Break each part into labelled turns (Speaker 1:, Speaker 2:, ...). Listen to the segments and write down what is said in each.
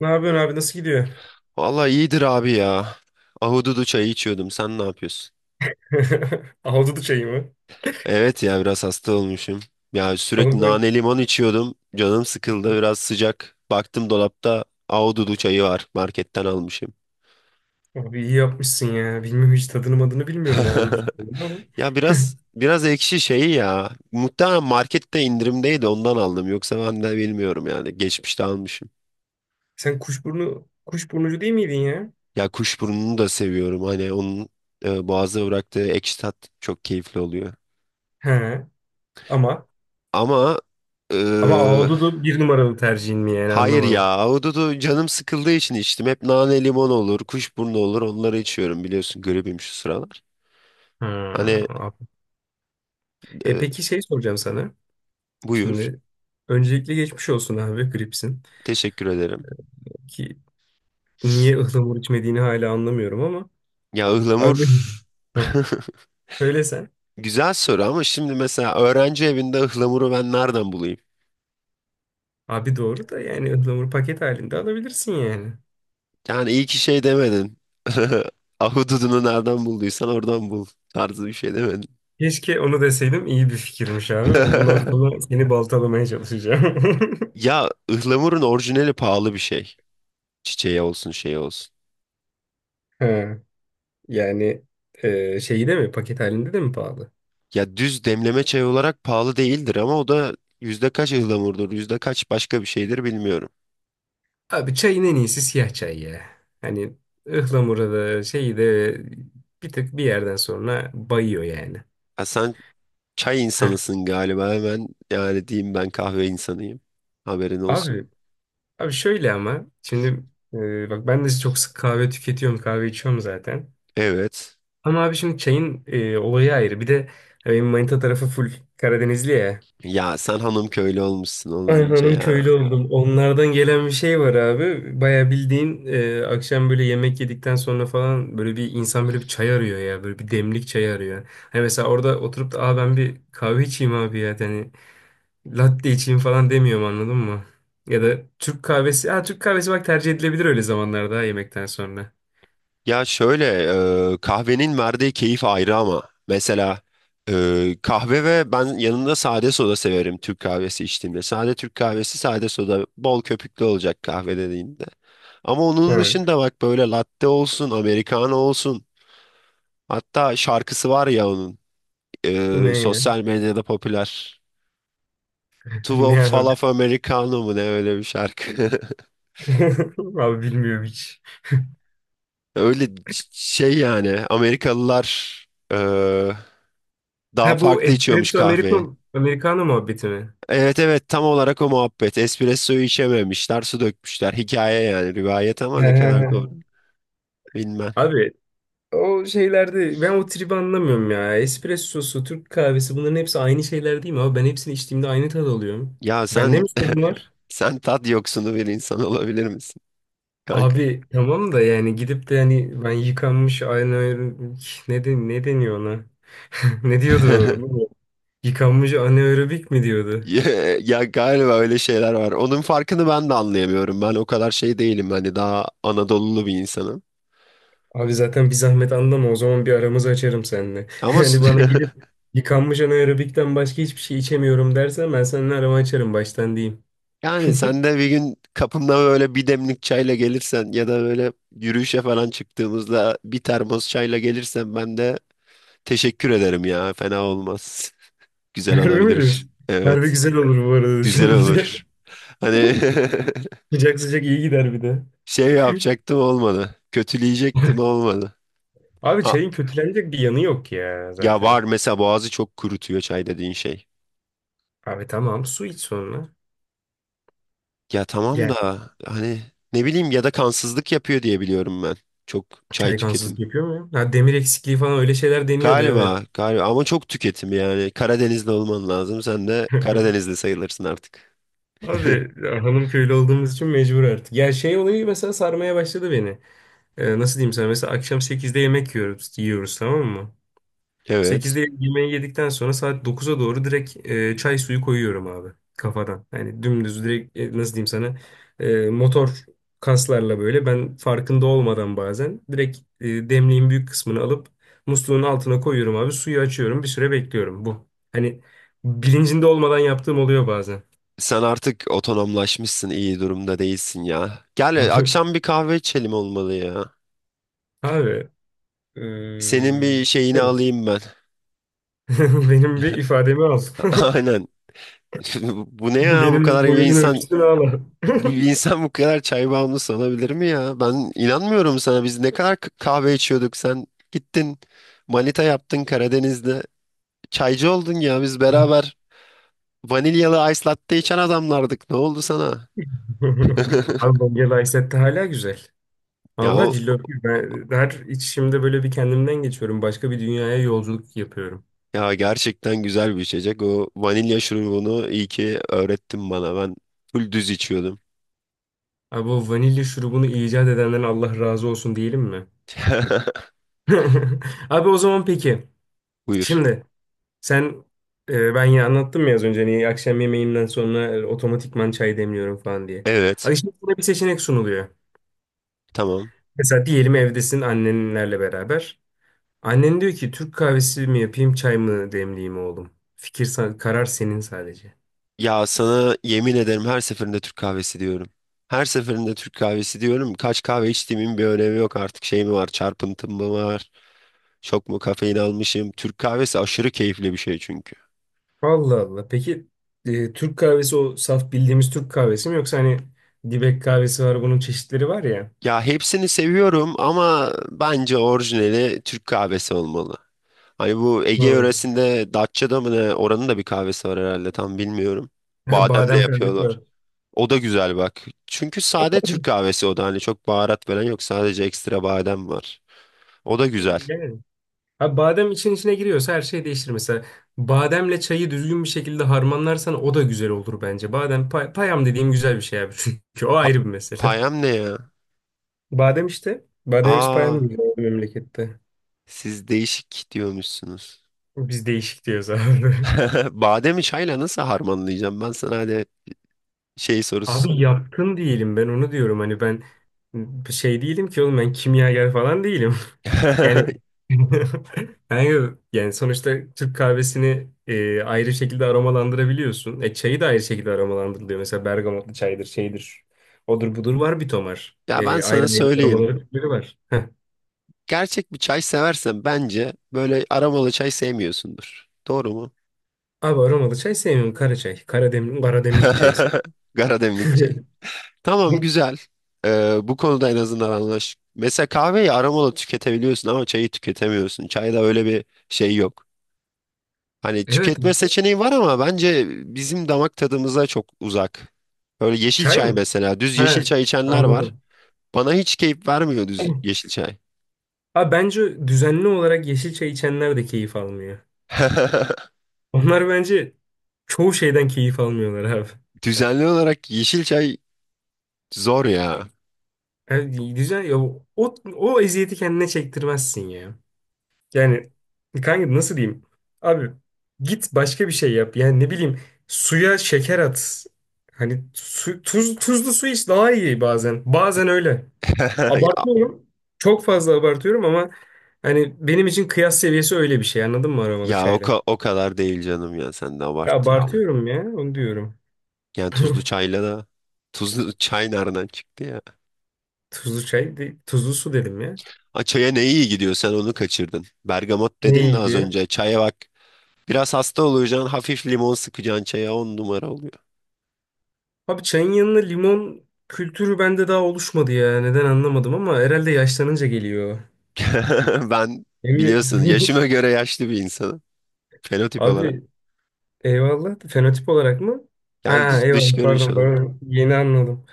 Speaker 1: Ne yapıyorsun abi? Nasıl gidiyor?
Speaker 2: Vallahi iyidir abi ya. Ahududu çayı içiyordum. Sen ne yapıyorsun?
Speaker 1: Ahududu çayı mı?
Speaker 2: Evet ya biraz hasta olmuşum. Ya
Speaker 1: Oğlum
Speaker 2: sürekli
Speaker 1: sen
Speaker 2: nane limon içiyordum. Canım sıkıldı biraz sıcak. Baktım dolapta ahududu çayı var. Marketten almışım.
Speaker 1: abi iyi yapmışsın ya. Bilmiyorum hiç tadını madını bilmiyorum ahududu çayının ama.
Speaker 2: Ya biraz biraz ekşi şeyi ya. Muhtemelen markette indirimdeydi ondan aldım. Yoksa ben de bilmiyorum yani. Geçmişte almışım.
Speaker 1: Sen kuşburnu kuşburnucu değil miydin ya?
Speaker 2: Ya kuşburnunu da seviyorum. Hani boğazda bıraktığı ekşi tat çok keyifli oluyor.
Speaker 1: He. Ama
Speaker 2: Ama e,
Speaker 1: ama ahududu bir numaralı tercihin mi yani
Speaker 2: Hayır ya,
Speaker 1: anlamadım.
Speaker 2: ahududu canım sıkıldığı için içtim. Hep nane limon olur, kuşburnu olur onları içiyorum biliyorsun gribim şu sıralar. Hani
Speaker 1: Ha. E
Speaker 2: e,
Speaker 1: peki şey soracağım sana.
Speaker 2: Buyur,
Speaker 1: Şimdi öncelikle geçmiş olsun abi gripsin.
Speaker 2: teşekkür ederim.
Speaker 1: Ki niye ıhlamur içmediğini hala anlamıyorum ama.
Speaker 2: Ya ıhlamur,
Speaker 1: Abi Heh, sen.
Speaker 2: güzel soru ama şimdi mesela öğrenci evinde ıhlamuru ben nereden bulayım?
Speaker 1: Abi doğru da yani ıhlamur paket halinde alabilirsin yani.
Speaker 2: Yani iyi ki şey demedin. Ahududunu nereden bulduysan oradan bul tarzı bir şey demedin.
Speaker 1: Keşke onu deseydim iyi bir fikirmiş abi. Ben bundan sonra seni baltalamaya çalışacağım.
Speaker 2: Ya ıhlamurun orijinali pahalı bir şey. Çiçeği olsun şey olsun.
Speaker 1: Ha, yani şeyi de mi paket halinde de mi pahalı?
Speaker 2: Ya düz demleme çay olarak pahalı değildir ama o da yüzde kaç ıhlamurdur, yüzde kaç başka bir şeydir bilmiyorum.
Speaker 1: Abi çayın en iyisi siyah çay ya. Hani ıhlamura da şeyi de bir tık bir yerden sonra bayıyor yani.
Speaker 2: Ha, sen çay
Speaker 1: Heh.
Speaker 2: insanısın galiba, hemen yani diyeyim, ben kahve insanıyım. Haberin olsun.
Speaker 1: Abi abi şöyle ama şimdi bak ben de çok sık kahve tüketiyorum kahve içiyorum zaten.
Speaker 2: Evet.
Speaker 1: Ama abi şimdi çayın olayı ayrı. Bir de benim manita tarafı full Karadenizli ya.
Speaker 2: Ya sen hanım köylü olmuşsun oğlum
Speaker 1: Ay
Speaker 2: iyice
Speaker 1: hanım
Speaker 2: ya.
Speaker 1: köylü oldum. Onlardan gelen bir şey var abi. Baya bildiğin akşam böyle yemek yedikten sonra falan böyle bir insan böyle bir çay arıyor ya. Böyle bir demlik çay arıyor. Hani mesela orada oturup da aa, ben bir kahve içeyim abi ya. Hani latte içeyim falan demiyorum anladın mı? Ya da Türk kahvesi. Ha, Türk kahvesi bak tercih edilebilir öyle zamanlarda ha, yemekten sonra.
Speaker 2: Ya şöyle Kahvenin verdiği keyif ayrı ama. Kahve ve ben yanında sade soda severim Türk kahvesi içtiğimde. Sade Türk kahvesi, sade soda bol köpüklü olacak kahve dediğinde. Ama onun
Speaker 1: Ha.
Speaker 2: dışında bak böyle latte olsun, americano olsun. Hatta şarkısı var ya onun.
Speaker 1: Ne ya?
Speaker 2: Sosyal medyada popüler. Two
Speaker 1: Ne abi?
Speaker 2: falaf Americano mu ne öyle bir şarkı.
Speaker 1: Abi bilmiyorum hiç.
Speaker 2: Şey yani Amerikalılar eee, daha
Speaker 1: Ha, bu
Speaker 2: farklı içiyormuş
Speaker 1: Espresso
Speaker 2: kahveyi.
Speaker 1: Americo, Americano muhabbeti mi?
Speaker 2: Evet, evet, tam olarak o muhabbet. Espresso'yu içememişler, su dökmüşler. Hikaye yani rivayet ama ne kadar doğru bilmem.
Speaker 1: Abi o şeylerde ben o tribi anlamıyorum ya. Espressosu, Türk kahvesi bunların hepsi aynı şeyler değil mi abi? Ben hepsini içtiğimde aynı tad alıyorum.
Speaker 2: Ya
Speaker 1: Bende
Speaker 2: sen
Speaker 1: mi sorun var?
Speaker 2: sen tat yoksunu bir insan olabilir misin kanka?
Speaker 1: Abi tamam da yani gidip de yani ben yıkanmış anaerobik ne deniyor ona? Ne diyordu o? Yıkanmış anaerobik mi diyordu?
Speaker 2: Ya, ya galiba öyle şeyler var. Onun farkını ben de anlayamıyorum. Ben o kadar şey değilim. Hani daha Anadolulu bir insanım.
Speaker 1: Abi zaten bir zahmet anlama o zaman bir aramızı açarım seninle.
Speaker 2: Ama s-
Speaker 1: Yani bana gelip yıkanmış anaerobikten başka hiçbir şey içemiyorum dersen ben seninle aramı açarım baştan diyeyim.
Speaker 2: yani sen de bir gün kapımda böyle bir demlik çayla gelirsen ya da böyle yürüyüşe falan çıktığımızda bir termos çayla gelirsen ben de teşekkür ederim ya. Fena olmaz. Güzel
Speaker 1: Harbi mi
Speaker 2: olabilir.
Speaker 1: diyorsun? Harbi
Speaker 2: Evet.
Speaker 1: güzel olur bu arada
Speaker 2: Güzel
Speaker 1: düşününce.
Speaker 2: olur. Hani
Speaker 1: Sıcak sıcak iyi gider bir de.
Speaker 2: şey yapacaktım olmadı. Kötüleyecektim olmadı.
Speaker 1: Abi
Speaker 2: A-
Speaker 1: çayın kötülenecek bir yanı yok ya
Speaker 2: Ya var
Speaker 1: zaten.
Speaker 2: mesela, boğazı çok kurutuyor çay dediğin şey.
Speaker 1: Abi tamam su iç sonra.
Speaker 2: Ya tamam
Speaker 1: Yani
Speaker 2: da hani ne bileyim, ya da kansızlık yapıyor diye biliyorum ben. Çok çay
Speaker 1: çay
Speaker 2: tüketimi.
Speaker 1: kansızlık yapıyor mu ya? Ha, demir eksikliği falan öyle şeyler deniyordu evet.
Speaker 2: Galiba, galiba ama çok tüketim yani. Karadenizli olman lazım. Sen de Karadenizli sayılırsın artık.
Speaker 1: Abi ya hanım köylü olduğumuz için mecbur artık. Ya şey olayı mesela sarmaya başladı beni. Nasıl diyeyim sana, mesela akşam sekizde yemek yiyoruz tamam mı?
Speaker 2: Evet.
Speaker 1: Sekizde yemeği yedikten sonra saat dokuza doğru direkt çay suyu koyuyorum abi kafadan. Yani dümdüz direkt nasıl diyeyim sana, motor kaslarla böyle ben farkında olmadan bazen direkt demliğin büyük kısmını alıp musluğun altına koyuyorum abi, suyu açıyorum bir süre bekliyorum bu. Hani bilincinde olmadan yaptığım oluyor bazen.
Speaker 2: Sen artık otonomlaşmışsın, iyi durumda değilsin ya. Gel akşam bir kahve içelim olmalı ya.
Speaker 1: Abi e,
Speaker 2: Senin bir şeyini
Speaker 1: evet.
Speaker 2: alayım ben.
Speaker 1: Benim bir ifademi al.
Speaker 2: Aynen. Bu ne ya bu kadar
Speaker 1: Benim
Speaker 2: bir
Speaker 1: boyumun
Speaker 2: insan?
Speaker 1: ölçüsünü al.
Speaker 2: Bu insan bu kadar çay bağımlısı olabilir mi ya? Ben inanmıyorum sana. Biz ne kadar kahve içiyorduk. Sen gittin manita yaptın Karadeniz'de. Çaycı oldun ya. Biz beraber vanilyalı ice latte içen adamlardık. Ne oldu sana?
Speaker 1: Abi Bongel Ayset'te hala güzel.
Speaker 2: Ya
Speaker 1: Allah
Speaker 2: o,
Speaker 1: cillop gibi. Ben her içimde böyle bir kendimden geçiyorum. Başka bir dünyaya yolculuk yapıyorum.
Speaker 2: ya gerçekten güzel bir içecek. O vanilya şurubunu iyi ki öğrettin bana. Ben full düz içiyordum.
Speaker 1: Abi o vanilya şurubunu icat edenden Allah razı olsun diyelim mi? Abi o zaman peki.
Speaker 2: Buyur.
Speaker 1: Şimdi sen ben ya anlattım ya az önce niye akşam yemeğinden sonra otomatikman çay demliyorum falan diye.
Speaker 2: Evet.
Speaker 1: Abi şimdi sana bir seçenek sunuluyor.
Speaker 2: Tamam.
Speaker 1: Mesela diyelim evdesin annenlerle beraber. Annen diyor ki Türk kahvesi mi yapayım çay mı demleyeyim oğlum. Karar senin sadece.
Speaker 2: Ya sana yemin ederim her seferinde Türk kahvesi diyorum. Her seferinde Türk kahvesi diyorum. Kaç kahve içtiğimin bir önemi yok artık. Şey mi var? Çarpıntım mı var? Çok mu kafein almışım? Türk kahvesi aşırı keyifli bir şey çünkü.
Speaker 1: Allah Allah. Peki Türk kahvesi o saf bildiğimiz Türk kahvesi mi, yoksa hani dibek kahvesi var, bunun çeşitleri var ya.
Speaker 2: Ya hepsini seviyorum ama bence orijinali Türk kahvesi olmalı. Hani bu Ege
Speaker 1: Hı.
Speaker 2: yöresinde Datça'da mı ne? Oranın da bir kahvesi var herhalde, tam bilmiyorum.
Speaker 1: Ha,
Speaker 2: Bademle
Speaker 1: badem kahvesi
Speaker 2: yapıyorlar.
Speaker 1: var.
Speaker 2: O da güzel bak. Çünkü sade Türk kahvesi, o da hani çok baharat falan yok. Sadece ekstra badem var. O da güzel.
Speaker 1: Yani. Ha, badem için içine giriyorsa her şey değişir. Mesela bademle çayı düzgün bir şekilde harmanlarsan o da güzel olur bence. Badem payam dediğim güzel bir şey abi. Çünkü o
Speaker 2: Pa-
Speaker 1: ayrı bir mesele.
Speaker 2: Payam ne ya?
Speaker 1: Badem işte. Bademimiz
Speaker 2: Aa,
Speaker 1: payam diyor memlekette.
Speaker 2: siz değişik diyormuşsunuz.
Speaker 1: Biz değişik diyoruz abi.
Speaker 2: Bademi çayla nasıl harmanlayacağım? Ben sana hadi şey sorusu
Speaker 1: Abi
Speaker 2: sorayım.
Speaker 1: yatkın değilim ben, onu diyorum hani. Ben şey değilim ki oğlum, ben kimyager falan değilim. Yani yani sonuçta Türk kahvesini ayrı şekilde aromalandırabiliyorsun. E çayı da ayrı şekilde aromalandırılıyor. Mesela bergamotlu çaydır, şeydir. Odur budur var bir tomar.
Speaker 2: Ya ben
Speaker 1: Ayrı
Speaker 2: sana
Speaker 1: ayrı
Speaker 2: söyleyeyim.
Speaker 1: aromaları türleri var. Heh.
Speaker 2: Gerçek bir çay seversen bence böyle aromalı çay sevmiyorsundur. Doğru mu?
Speaker 1: Abi aromalı çay sevmiyorum. Kara çay. Kara demlik çayı seviyorum.
Speaker 2: Karademlik çay. Tamam güzel. Bu konuda en azından anlaş. Mesela kahveyi aromalı tüketebiliyorsun ama çayı tüketemiyorsun. Çayda öyle bir şey yok. Hani
Speaker 1: Evet
Speaker 2: tüketme
Speaker 1: abi.
Speaker 2: seçeneği var ama bence bizim damak tadımıza çok uzak. Böyle yeşil
Speaker 1: Çay
Speaker 2: çay
Speaker 1: mı?
Speaker 2: mesela. Düz yeşil
Speaker 1: Ha,
Speaker 2: çay içenler var.
Speaker 1: anladım.
Speaker 2: Bana hiç keyif vermiyor düz yeşil çay.
Speaker 1: Abi bence düzenli olarak yeşil çay içenler de keyif almıyor. Onlar bence çoğu şeyden keyif almıyorlar abi.
Speaker 2: Düzenli olarak yeşil çay zor ya.
Speaker 1: Yani düzen ya, o o eziyeti kendine çektirmezsin ya. Yani kanka nasıl diyeyim? Abi git başka bir şey yap. Yani ne bileyim suya şeker at. Hani su, tuz, tuzlu su iç daha iyi bazen. Bazen öyle.
Speaker 2: Ya,
Speaker 1: Abartıyorum. Çok fazla abartıyorum ama hani benim için kıyas seviyesi öyle bir şey. Anladın mı aromalı çayla? Ya
Speaker 2: o kadar değil canım, ya sen de abarttın ya.
Speaker 1: abartıyorum ya, onu diyorum.
Speaker 2: Yani tuzlu çayla da, tuzlu çay nereden çıktı ya?
Speaker 1: Tuzlu su dedim ya.
Speaker 2: Ha, çaya ne iyi gidiyor sen onu kaçırdın. Bergamot
Speaker 1: Ne
Speaker 2: dedin
Speaker 1: iyi
Speaker 2: de az
Speaker 1: gidiyor?
Speaker 2: önce, çaya bak. Biraz hasta olacaksın, hafif limon sıkacaksın, çaya on numara oluyor.
Speaker 1: Abi çayın yanına limon kültürü bende daha oluşmadı ya. Neden anlamadım, ama herhalde yaşlanınca geliyor.
Speaker 2: Ben
Speaker 1: Değil mi?
Speaker 2: biliyorsun yaşıma göre yaşlı bir insanım. Fenotip
Speaker 1: Abi
Speaker 2: olarak.
Speaker 1: eyvallah. Fenotip olarak mı?
Speaker 2: Yani
Speaker 1: Ha,
Speaker 2: dış
Speaker 1: eyvallah,
Speaker 2: görünüş
Speaker 1: pardon
Speaker 2: olarak.
Speaker 1: pardon. Yeni anladım.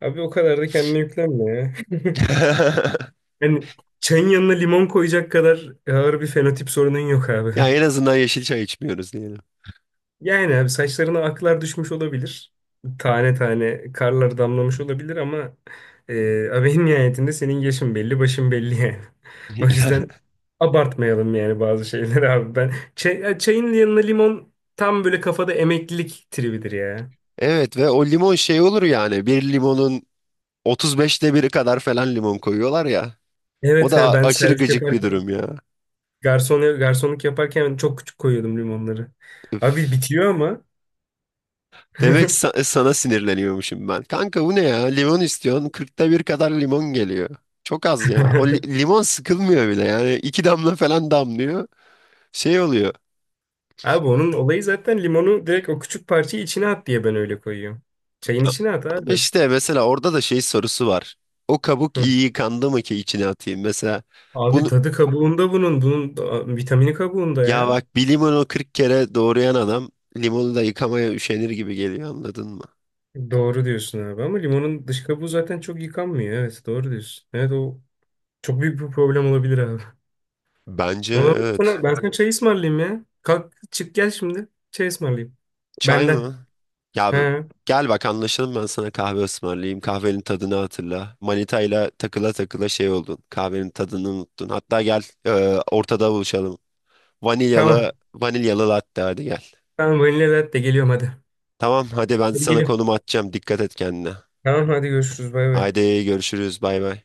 Speaker 1: Abi o kadar da kendine yüklenme ya. Yani çayın yanına limon koyacak kadar ağır bir fenotip sorunun yok abi.
Speaker 2: Ya en azından yeşil çay içmiyoruz diyelim.
Speaker 1: Yani abi saçlarına aklar düşmüş olabilir. Tane tane karlar damlamış olabilir, ama abi en nihayetinde senin yaşın belli, başın belli yani. O
Speaker 2: Ya,
Speaker 1: yüzden abartmayalım yani bazı şeyleri abi. Ya çayın yanına limon tam böyle kafada emeklilik tribidir ya.
Speaker 2: evet ve o limon şey olur yani. Bir limonun 35'te biri kadar falan limon koyuyorlar ya. O
Speaker 1: Evet,
Speaker 2: da
Speaker 1: ha
Speaker 2: a-
Speaker 1: ben
Speaker 2: aşırı
Speaker 1: servis
Speaker 2: gıcık bir
Speaker 1: yaparken
Speaker 2: durum ya.
Speaker 1: garson garsonluk yaparken çok küçük koyuyordum limonları. Abi
Speaker 2: Üf.
Speaker 1: bitiyor ama.
Speaker 2: Demek sana sinirleniyormuşum ben. Kanka bu ne ya? Limon istiyorsun. 40'ta bir kadar limon geliyor. Çok az ya. O li- limon sıkılmıyor bile yani. İki damla falan damlıyor. Şey oluyor.
Speaker 1: Abi onun olayı zaten limonu direkt o küçük parçayı içine at diye, ben öyle koyuyorum. Çayın içine at
Speaker 2: Ama
Speaker 1: abi.
Speaker 2: İşte mesela orada da şey sorusu var. O kabuk
Speaker 1: Hı.
Speaker 2: iyi yıkandı mı ki içine atayım? Mesela
Speaker 1: Abi
Speaker 2: bunu,
Speaker 1: tadı kabuğunda bunun. Vitamini kabuğunda
Speaker 2: ya
Speaker 1: ya.
Speaker 2: bak bir limonu 40 kere doğrayan adam limonu da yıkamaya üşenir gibi geliyor, anladın mı?
Speaker 1: Doğru diyorsun abi, ama limonun dış kabuğu zaten çok yıkanmıyor. Evet doğru diyorsun. Evet o çok büyük bir problem olabilir abi.
Speaker 2: Bence
Speaker 1: Ama ben sana,
Speaker 2: evet.
Speaker 1: ben sana çay ısmarlayayım ya. Kalk çık gel şimdi. Çay ısmarlayayım.
Speaker 2: Çay
Speaker 1: Benden.
Speaker 2: mı? Ya bu-
Speaker 1: He,
Speaker 2: Gel bak anlaşalım, ben sana kahve ısmarlayayım. Kahvenin tadını hatırla. Manitayla takıla takıla şey oldun. Kahvenin tadını unuttun. Hatta gel, ortada buluşalım.
Speaker 1: tamam.
Speaker 2: Vanilyalı latte hadi gel.
Speaker 1: Tamam vanilya latte geliyorum hadi.
Speaker 2: Tamam hadi ben
Speaker 1: Hadi
Speaker 2: sana
Speaker 1: geliyorum.
Speaker 2: konum atacağım. Dikkat et kendine.
Speaker 1: Tamam hadi görüşürüz bay bay.
Speaker 2: Haydi görüşürüz. Bay bay.